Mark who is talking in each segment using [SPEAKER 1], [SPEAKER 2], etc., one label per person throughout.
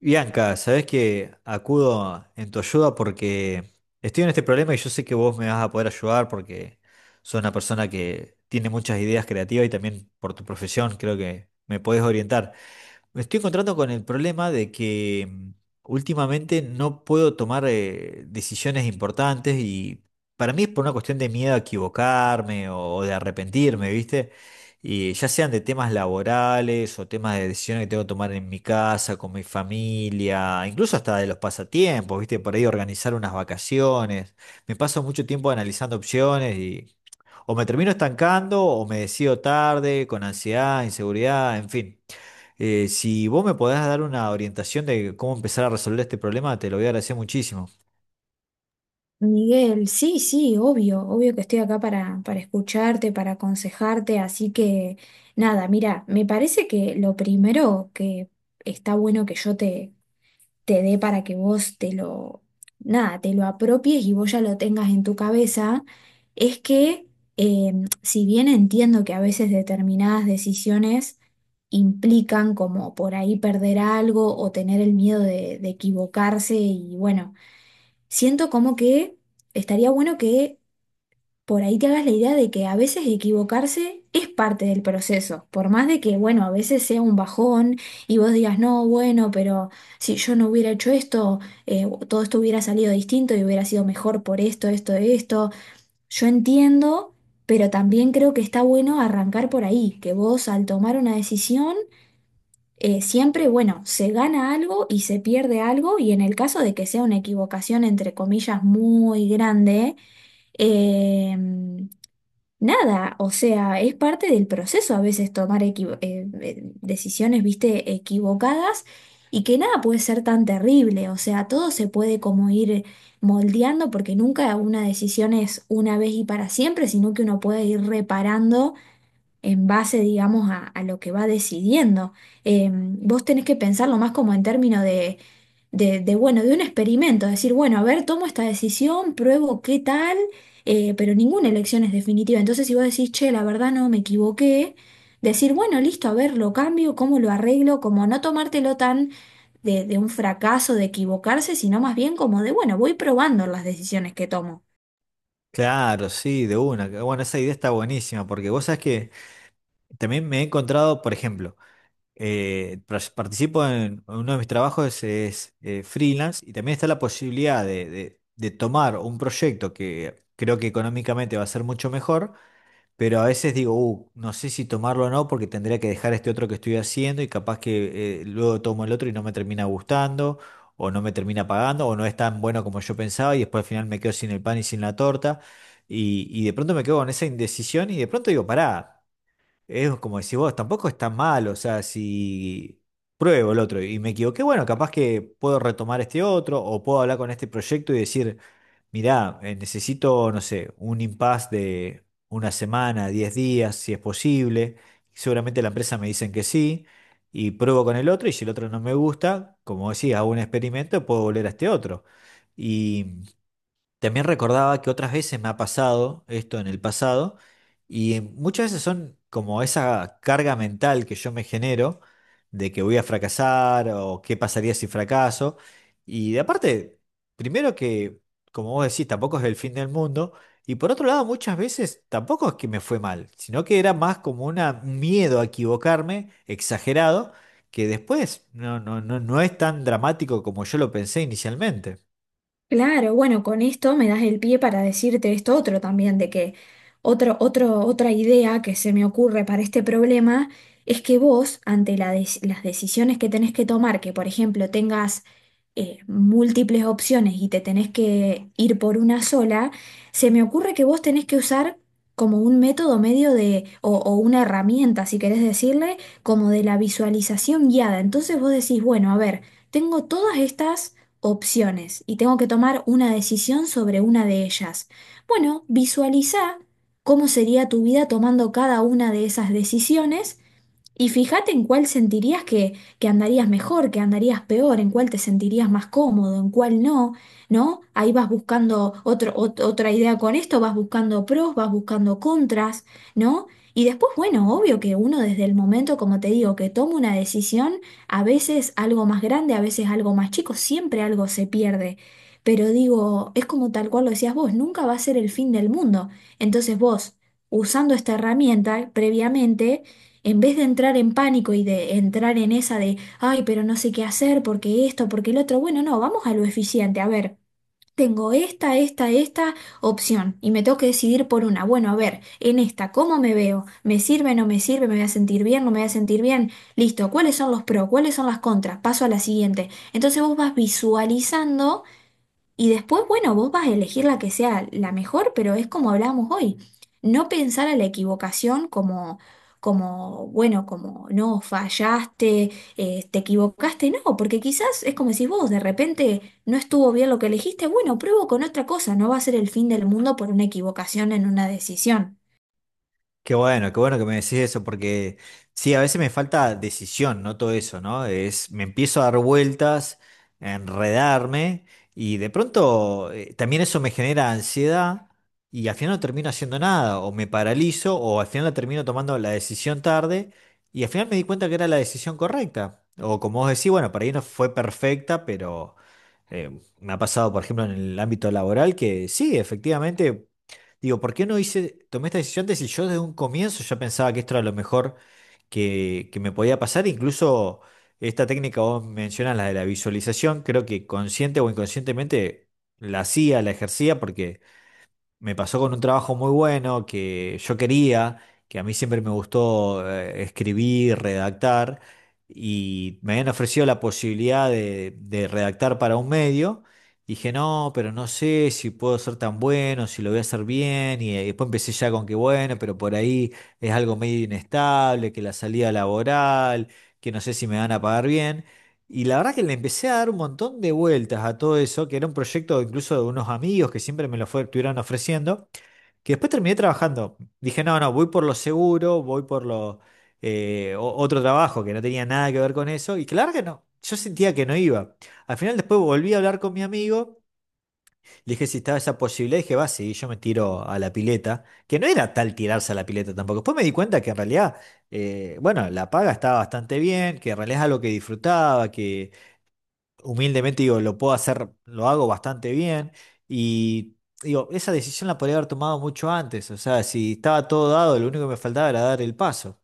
[SPEAKER 1] Bianca, sabés que acudo en tu ayuda porque estoy en este problema y yo sé que vos me vas a poder ayudar porque sos una persona que tiene muchas ideas creativas y también por tu profesión creo que me podés orientar. Me estoy encontrando con el problema de que últimamente no puedo tomar decisiones importantes y para mí es por una cuestión de miedo a equivocarme o de arrepentirme, ¿viste? Y ya sean de temas laborales o temas de decisiones que tengo que tomar en mi casa, con mi familia, incluso hasta de los pasatiempos, ¿viste? Por ahí organizar unas vacaciones. Me paso mucho tiempo analizando opciones y o me termino estancando o me decido tarde, con ansiedad, inseguridad, en fin. Si vos me podés dar una orientación de cómo empezar a resolver este problema, te lo voy a agradecer muchísimo.
[SPEAKER 2] Miguel, sí, sí, obvio, obvio que estoy acá para escucharte, para aconsejarte, así que nada, mira, me parece que lo primero que está bueno que yo te dé para que vos te lo, nada, te lo apropies y vos ya lo tengas en tu cabeza, es que eh, si bien entiendo que a veces determinadas decisiones implican como por ahí perder algo o tener el miedo de equivocarse y bueno, siento como que estaría bueno que por ahí te hagas la idea de que a veces equivocarse es parte del proceso, por más de que, bueno, a veces sea un bajón y vos digas, no, bueno, pero si yo no hubiera hecho esto, todo esto hubiera salido distinto y hubiera sido mejor por esto, esto, esto. Yo entiendo, pero también creo que está bueno arrancar por ahí, que vos al tomar una decisión siempre, bueno, se gana algo y se pierde algo, y en el caso de que sea una equivocación, entre comillas, muy grande, eh, nada, o sea, es parte del proceso a veces tomar decisiones, viste, equivocadas. Y que nada puede ser tan terrible, o sea, todo se puede como ir moldeando porque nunca una decisión es una vez y para siempre, sino que uno puede ir reparando en base, digamos, a lo que va decidiendo. Vos tenés que pensarlo más como en términos de, bueno, de un experimento, decir, bueno, a ver, tomo esta decisión, pruebo qué tal, pero ninguna elección es definitiva. Entonces, si vos decís, che, la verdad no me equivoqué, decir, bueno, listo, a ver, lo cambio, cómo lo arreglo, como no tomártelo tan de un fracaso, de equivocarse, sino más bien como de, bueno, voy probando las decisiones que tomo.
[SPEAKER 1] Claro, sí, de una. Bueno, esa idea está buenísima porque vos sabés que también me he encontrado, por ejemplo, participo en uno de mis trabajos freelance y también está la posibilidad de tomar un proyecto que creo que económicamente va a ser mucho mejor, pero a veces digo, no sé si tomarlo o no porque tendría que dejar este otro que estoy haciendo y capaz que luego tomo el otro y no me termina gustando o no me termina pagando o no es tan bueno como yo pensaba y después al final me quedo sin el pan y sin la torta y de pronto me quedo con esa indecisión y de pronto digo, pará. Es como decís vos, tampoco es tan mal, o sea, si pruebo el otro y me equivoqué, bueno, capaz que puedo retomar este otro o puedo hablar con este proyecto y decir, mirá, necesito, no sé, un impasse de una semana, 10 días, si es posible. Seguramente la empresa me dicen que sí y pruebo con el otro y si el otro no me gusta, como decía hago un experimento, puedo volver a este otro. También recordaba que otras veces me ha pasado esto en el pasado y muchas veces son como esa carga mental que yo me genero de que voy a fracasar o qué pasaría si fracaso. Y de aparte, primero que, como vos decís, tampoco es el fin del mundo. Y por otro lado, muchas veces tampoco es que me fue mal, sino que era más como un miedo a equivocarme exagerado que después no es tan dramático como yo lo pensé inicialmente.
[SPEAKER 2] Claro, bueno, con esto me das el pie para decirte esto otro también, de que otra idea que se me ocurre para este problema es que vos, ante las decisiones que tenés que tomar, que por ejemplo tengas múltiples opciones y te tenés que ir por una sola, se me ocurre que vos tenés que usar como un método medio o una herramienta, si querés decirle, como de la visualización guiada. Entonces vos decís, bueno, a ver, tengo todas estas opciones y tengo que tomar una decisión sobre una de ellas. Bueno, visualiza cómo sería tu vida tomando cada una de esas decisiones y fíjate en cuál sentirías que andarías mejor, que andarías peor, en cuál te sentirías más cómodo, en cuál no, ¿no? Ahí vas buscando otra idea con esto, vas buscando pros, vas buscando contras, ¿no? Y después, bueno, obvio que uno desde el momento, como te digo, que toma una decisión, a veces algo más grande, a veces algo más chico, siempre algo se pierde. Pero digo, es como tal cual lo decías vos, nunca va a ser el fin del mundo. Entonces vos, usando esta herramienta previamente, en vez de entrar en pánico y de entrar en esa de, ay, pero no sé qué hacer, porque esto, porque el otro, bueno, no, vamos a lo eficiente. A ver, tengo esta opción y me tengo que decidir por una. Bueno, a ver, en esta, ¿cómo me veo? ¿Me sirve, no me sirve? ¿Me voy a sentir bien, no me voy a sentir bien? Listo, ¿cuáles son los pros? ¿Cuáles son las contras? Paso a la siguiente. Entonces vos vas visualizando. Y después, bueno, vos vas a elegir la que sea la mejor, pero es como hablábamos hoy, no pensar a la equivocación como, como bueno, como no, fallaste, te equivocaste, no, porque quizás es como decís vos, de repente no estuvo bien lo que elegiste, bueno, pruebo con otra cosa, no va a ser el fin del mundo por una equivocación en una decisión.
[SPEAKER 1] Qué bueno que me decís eso, porque sí, a veces me falta decisión, no todo eso, ¿no? Es, me empiezo a dar vueltas, a enredarme, y de pronto también eso me genera ansiedad, y al final no termino haciendo nada, o me paralizo, o al final la termino tomando la decisión tarde, y al final me di cuenta que era la decisión correcta. O como vos decís, bueno, para ahí no fue perfecta, pero me ha pasado, por ejemplo, en el ámbito laboral, que sí, efectivamente. Digo, ¿por qué no hice, tomé esta decisión de si yo desde un comienzo ya pensaba que esto era lo mejor que me podía pasar? Incluso esta técnica vos mencionas, la de la visualización, creo que consciente o inconscientemente la hacía, la ejercía, porque me pasó con un trabajo muy bueno que yo quería, que a mí siempre me gustó escribir, redactar, y me habían ofrecido la posibilidad de redactar para un medio. Dije, no, pero no sé si puedo ser tan bueno, si lo voy a hacer bien, y, después empecé ya con que bueno, pero por ahí es algo medio inestable, que la salida laboral, que no sé si me van a pagar bien. Y la verdad que le empecé a dar un montón de vueltas a todo eso, que era un proyecto incluso de unos amigos que siempre me lo estuvieron ofreciendo, que después terminé trabajando. Dije, no, no, voy por lo seguro, voy por lo otro trabajo que no tenía nada que ver con eso. Y claro que no, yo sentía que no iba. Al final después volví a hablar con mi amigo, le dije si estaba esa posibilidad, dije, va, sí, yo me tiro a la pileta, que no era tal tirarse a la pileta tampoco. Después me di cuenta que en realidad, bueno, la paga estaba bastante bien, que en realidad es algo que disfrutaba, que humildemente digo, lo puedo hacer, lo hago bastante bien y digo, esa decisión la podría haber tomado mucho antes, o sea, si estaba todo dado, lo único que me faltaba era dar el paso.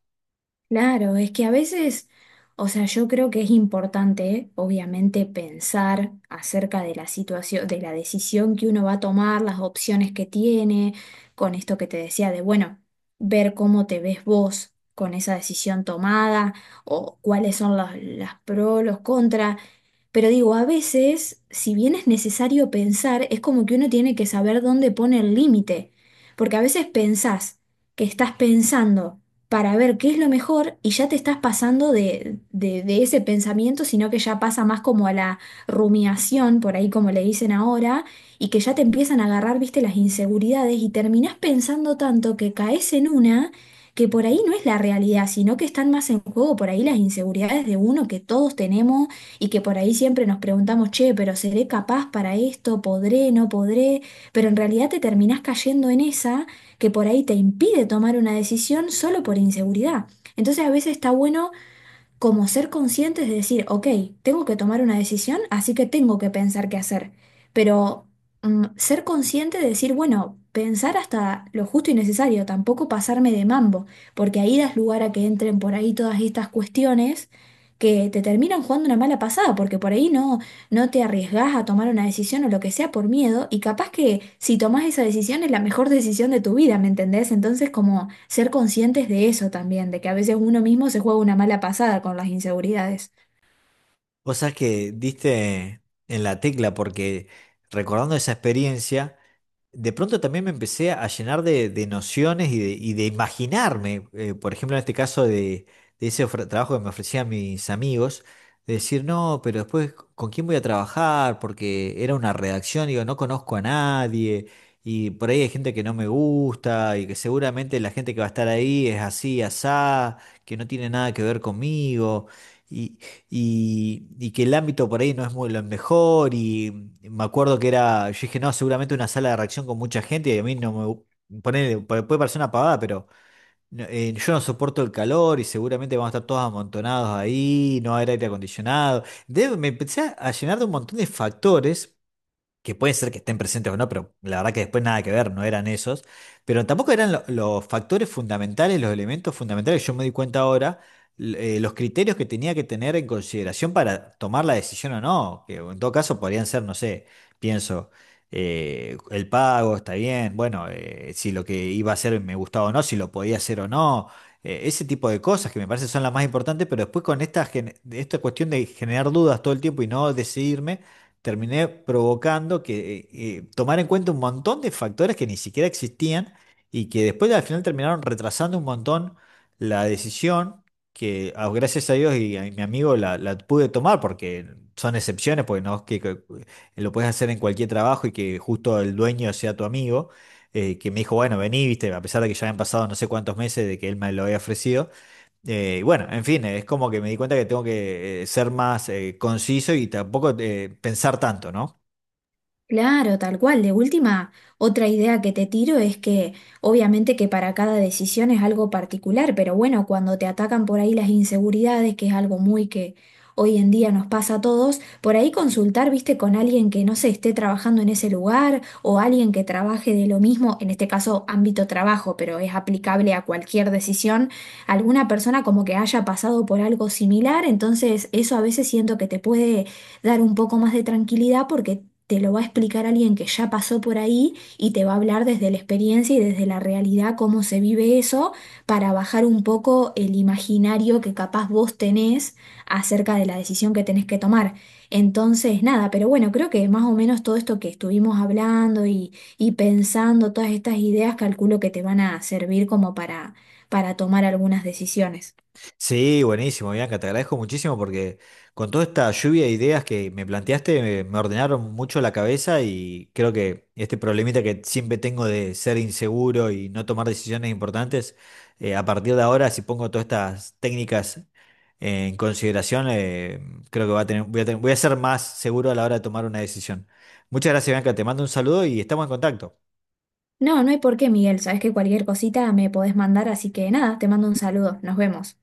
[SPEAKER 2] Claro, es que a veces, o sea, yo creo que es importante, obviamente, pensar acerca de la situación, de la decisión que uno va a tomar, las opciones que tiene, con esto que te decía de, bueno, ver cómo te ves vos con esa decisión tomada o cuáles son las pros, los contras. Pero digo, a veces, si bien es necesario pensar, es como que uno tiene que saber dónde pone el límite. Porque a veces pensás que estás pensando para ver qué es lo mejor y ya te estás pasando de ese pensamiento, sino que ya pasa más como a la rumiación, por ahí como le dicen ahora, y que ya te empiezan a agarrar, viste, las inseguridades y terminás pensando tanto que caes en una que por ahí no es la realidad, sino que están más en juego por ahí las inseguridades de uno que todos tenemos y que por ahí siempre nos preguntamos, che, pero ¿seré capaz para esto? ¿Podré? ¿No podré? Pero en realidad te terminás cayendo en esa que por ahí te impide tomar una decisión solo por inseguridad. Entonces a veces está bueno como ser conscientes de decir, ok, tengo que tomar una decisión, así que tengo que pensar qué hacer. Pero ser consciente de decir, bueno, pensar hasta lo justo y necesario, tampoco pasarme de mambo, porque ahí das lugar a que entren por ahí todas estas cuestiones que te terminan jugando una mala pasada, porque por ahí no, no te arriesgás a tomar una decisión o lo que sea por miedo y capaz que si tomás esa decisión es la mejor decisión de tu vida, ¿me entendés? Entonces como ser conscientes de eso también, de que a veces uno mismo se juega una mala pasada con las inseguridades.
[SPEAKER 1] Vos sabés que diste en la tecla porque recordando esa experiencia, de pronto también me empecé a llenar de nociones y de imaginarme, por ejemplo, en este caso de ese trabajo que me ofrecían mis amigos, de decir, no, pero después, ¿con quién voy a trabajar? Porque era una redacción, digo, no conozco a nadie, y por ahí hay gente que no me gusta, y que seguramente la gente que va a estar ahí es así, asá, que no tiene nada que ver conmigo y que el ámbito por ahí no es muy lo mejor. Y me acuerdo que era, yo dije, no, seguramente una sala de reacción con mucha gente. Y a mí no me. Ponele, puede parecer una pavada, pero no, yo no soporto el calor y seguramente vamos a estar todos amontonados ahí, no va a haber aire acondicionado. Me empecé a llenar de un montón de factores que puede ser que estén presentes o no, pero la verdad que después nada que ver, no eran esos, pero tampoco eran los factores fundamentales, los elementos fundamentales, yo me di cuenta ahora, los criterios que tenía que tener en consideración para tomar la decisión o no, que en todo caso podrían ser, no sé, pienso, el pago está bien, bueno, si lo que iba a hacer me gustaba o no, si lo podía hacer o no. Ese tipo de cosas que me parece son las más importantes, pero después con esta, esta cuestión de generar dudas todo el tiempo y no decidirme, terminé provocando que tomar en cuenta un montón de factores que ni siquiera existían y que después al final terminaron retrasando un montón la decisión que ah, gracias a Dios y a mi amigo la pude tomar porque son excepciones, porque no es que lo puedes hacer en cualquier trabajo y que justo el dueño sea tu amigo, que me dijo, bueno, vení, viste, a pesar de que ya habían pasado no sé cuántos meses de que él me lo había ofrecido. Y bueno, en fin, es como que me di cuenta que tengo que ser más conciso y tampoco pensar tanto, ¿no?
[SPEAKER 2] Claro, tal cual. De última, otra idea que te tiro es que obviamente que para cada decisión es algo particular, pero bueno, cuando te atacan por ahí las inseguridades, que es algo muy que hoy en día nos pasa a todos, por ahí consultar, viste, con alguien que no se esté trabajando en ese lugar o alguien que trabaje de lo mismo, en este caso ámbito trabajo, pero es aplicable a cualquier decisión, alguna persona como que haya pasado por algo similar, entonces eso a veces siento que te puede dar un poco más de tranquilidad porque te lo va a explicar alguien que ya pasó por ahí y te va a hablar desde la experiencia y desde la realidad cómo se vive eso para bajar un poco el imaginario que capaz vos tenés acerca de la decisión que tenés que tomar. Entonces, nada, pero bueno, creo que más o menos todo esto que estuvimos hablando y pensando, todas estas ideas, calculo que te van a servir como para tomar algunas decisiones.
[SPEAKER 1] Sí, buenísimo, Bianca, te agradezco muchísimo porque con toda esta lluvia de ideas que me planteaste me ordenaron mucho la cabeza y creo que este problemita que siempre tengo de ser inseguro y no tomar decisiones importantes, a partir de ahora, si pongo todas estas técnicas en consideración, creo que voy a voy a ser más seguro a la hora de tomar una decisión. Muchas gracias, Bianca. Te mando un saludo y estamos en contacto.
[SPEAKER 2] No, no hay por qué, Miguel. Sabes que cualquier cosita me podés mandar, así que nada, te mando un saludo. Nos vemos.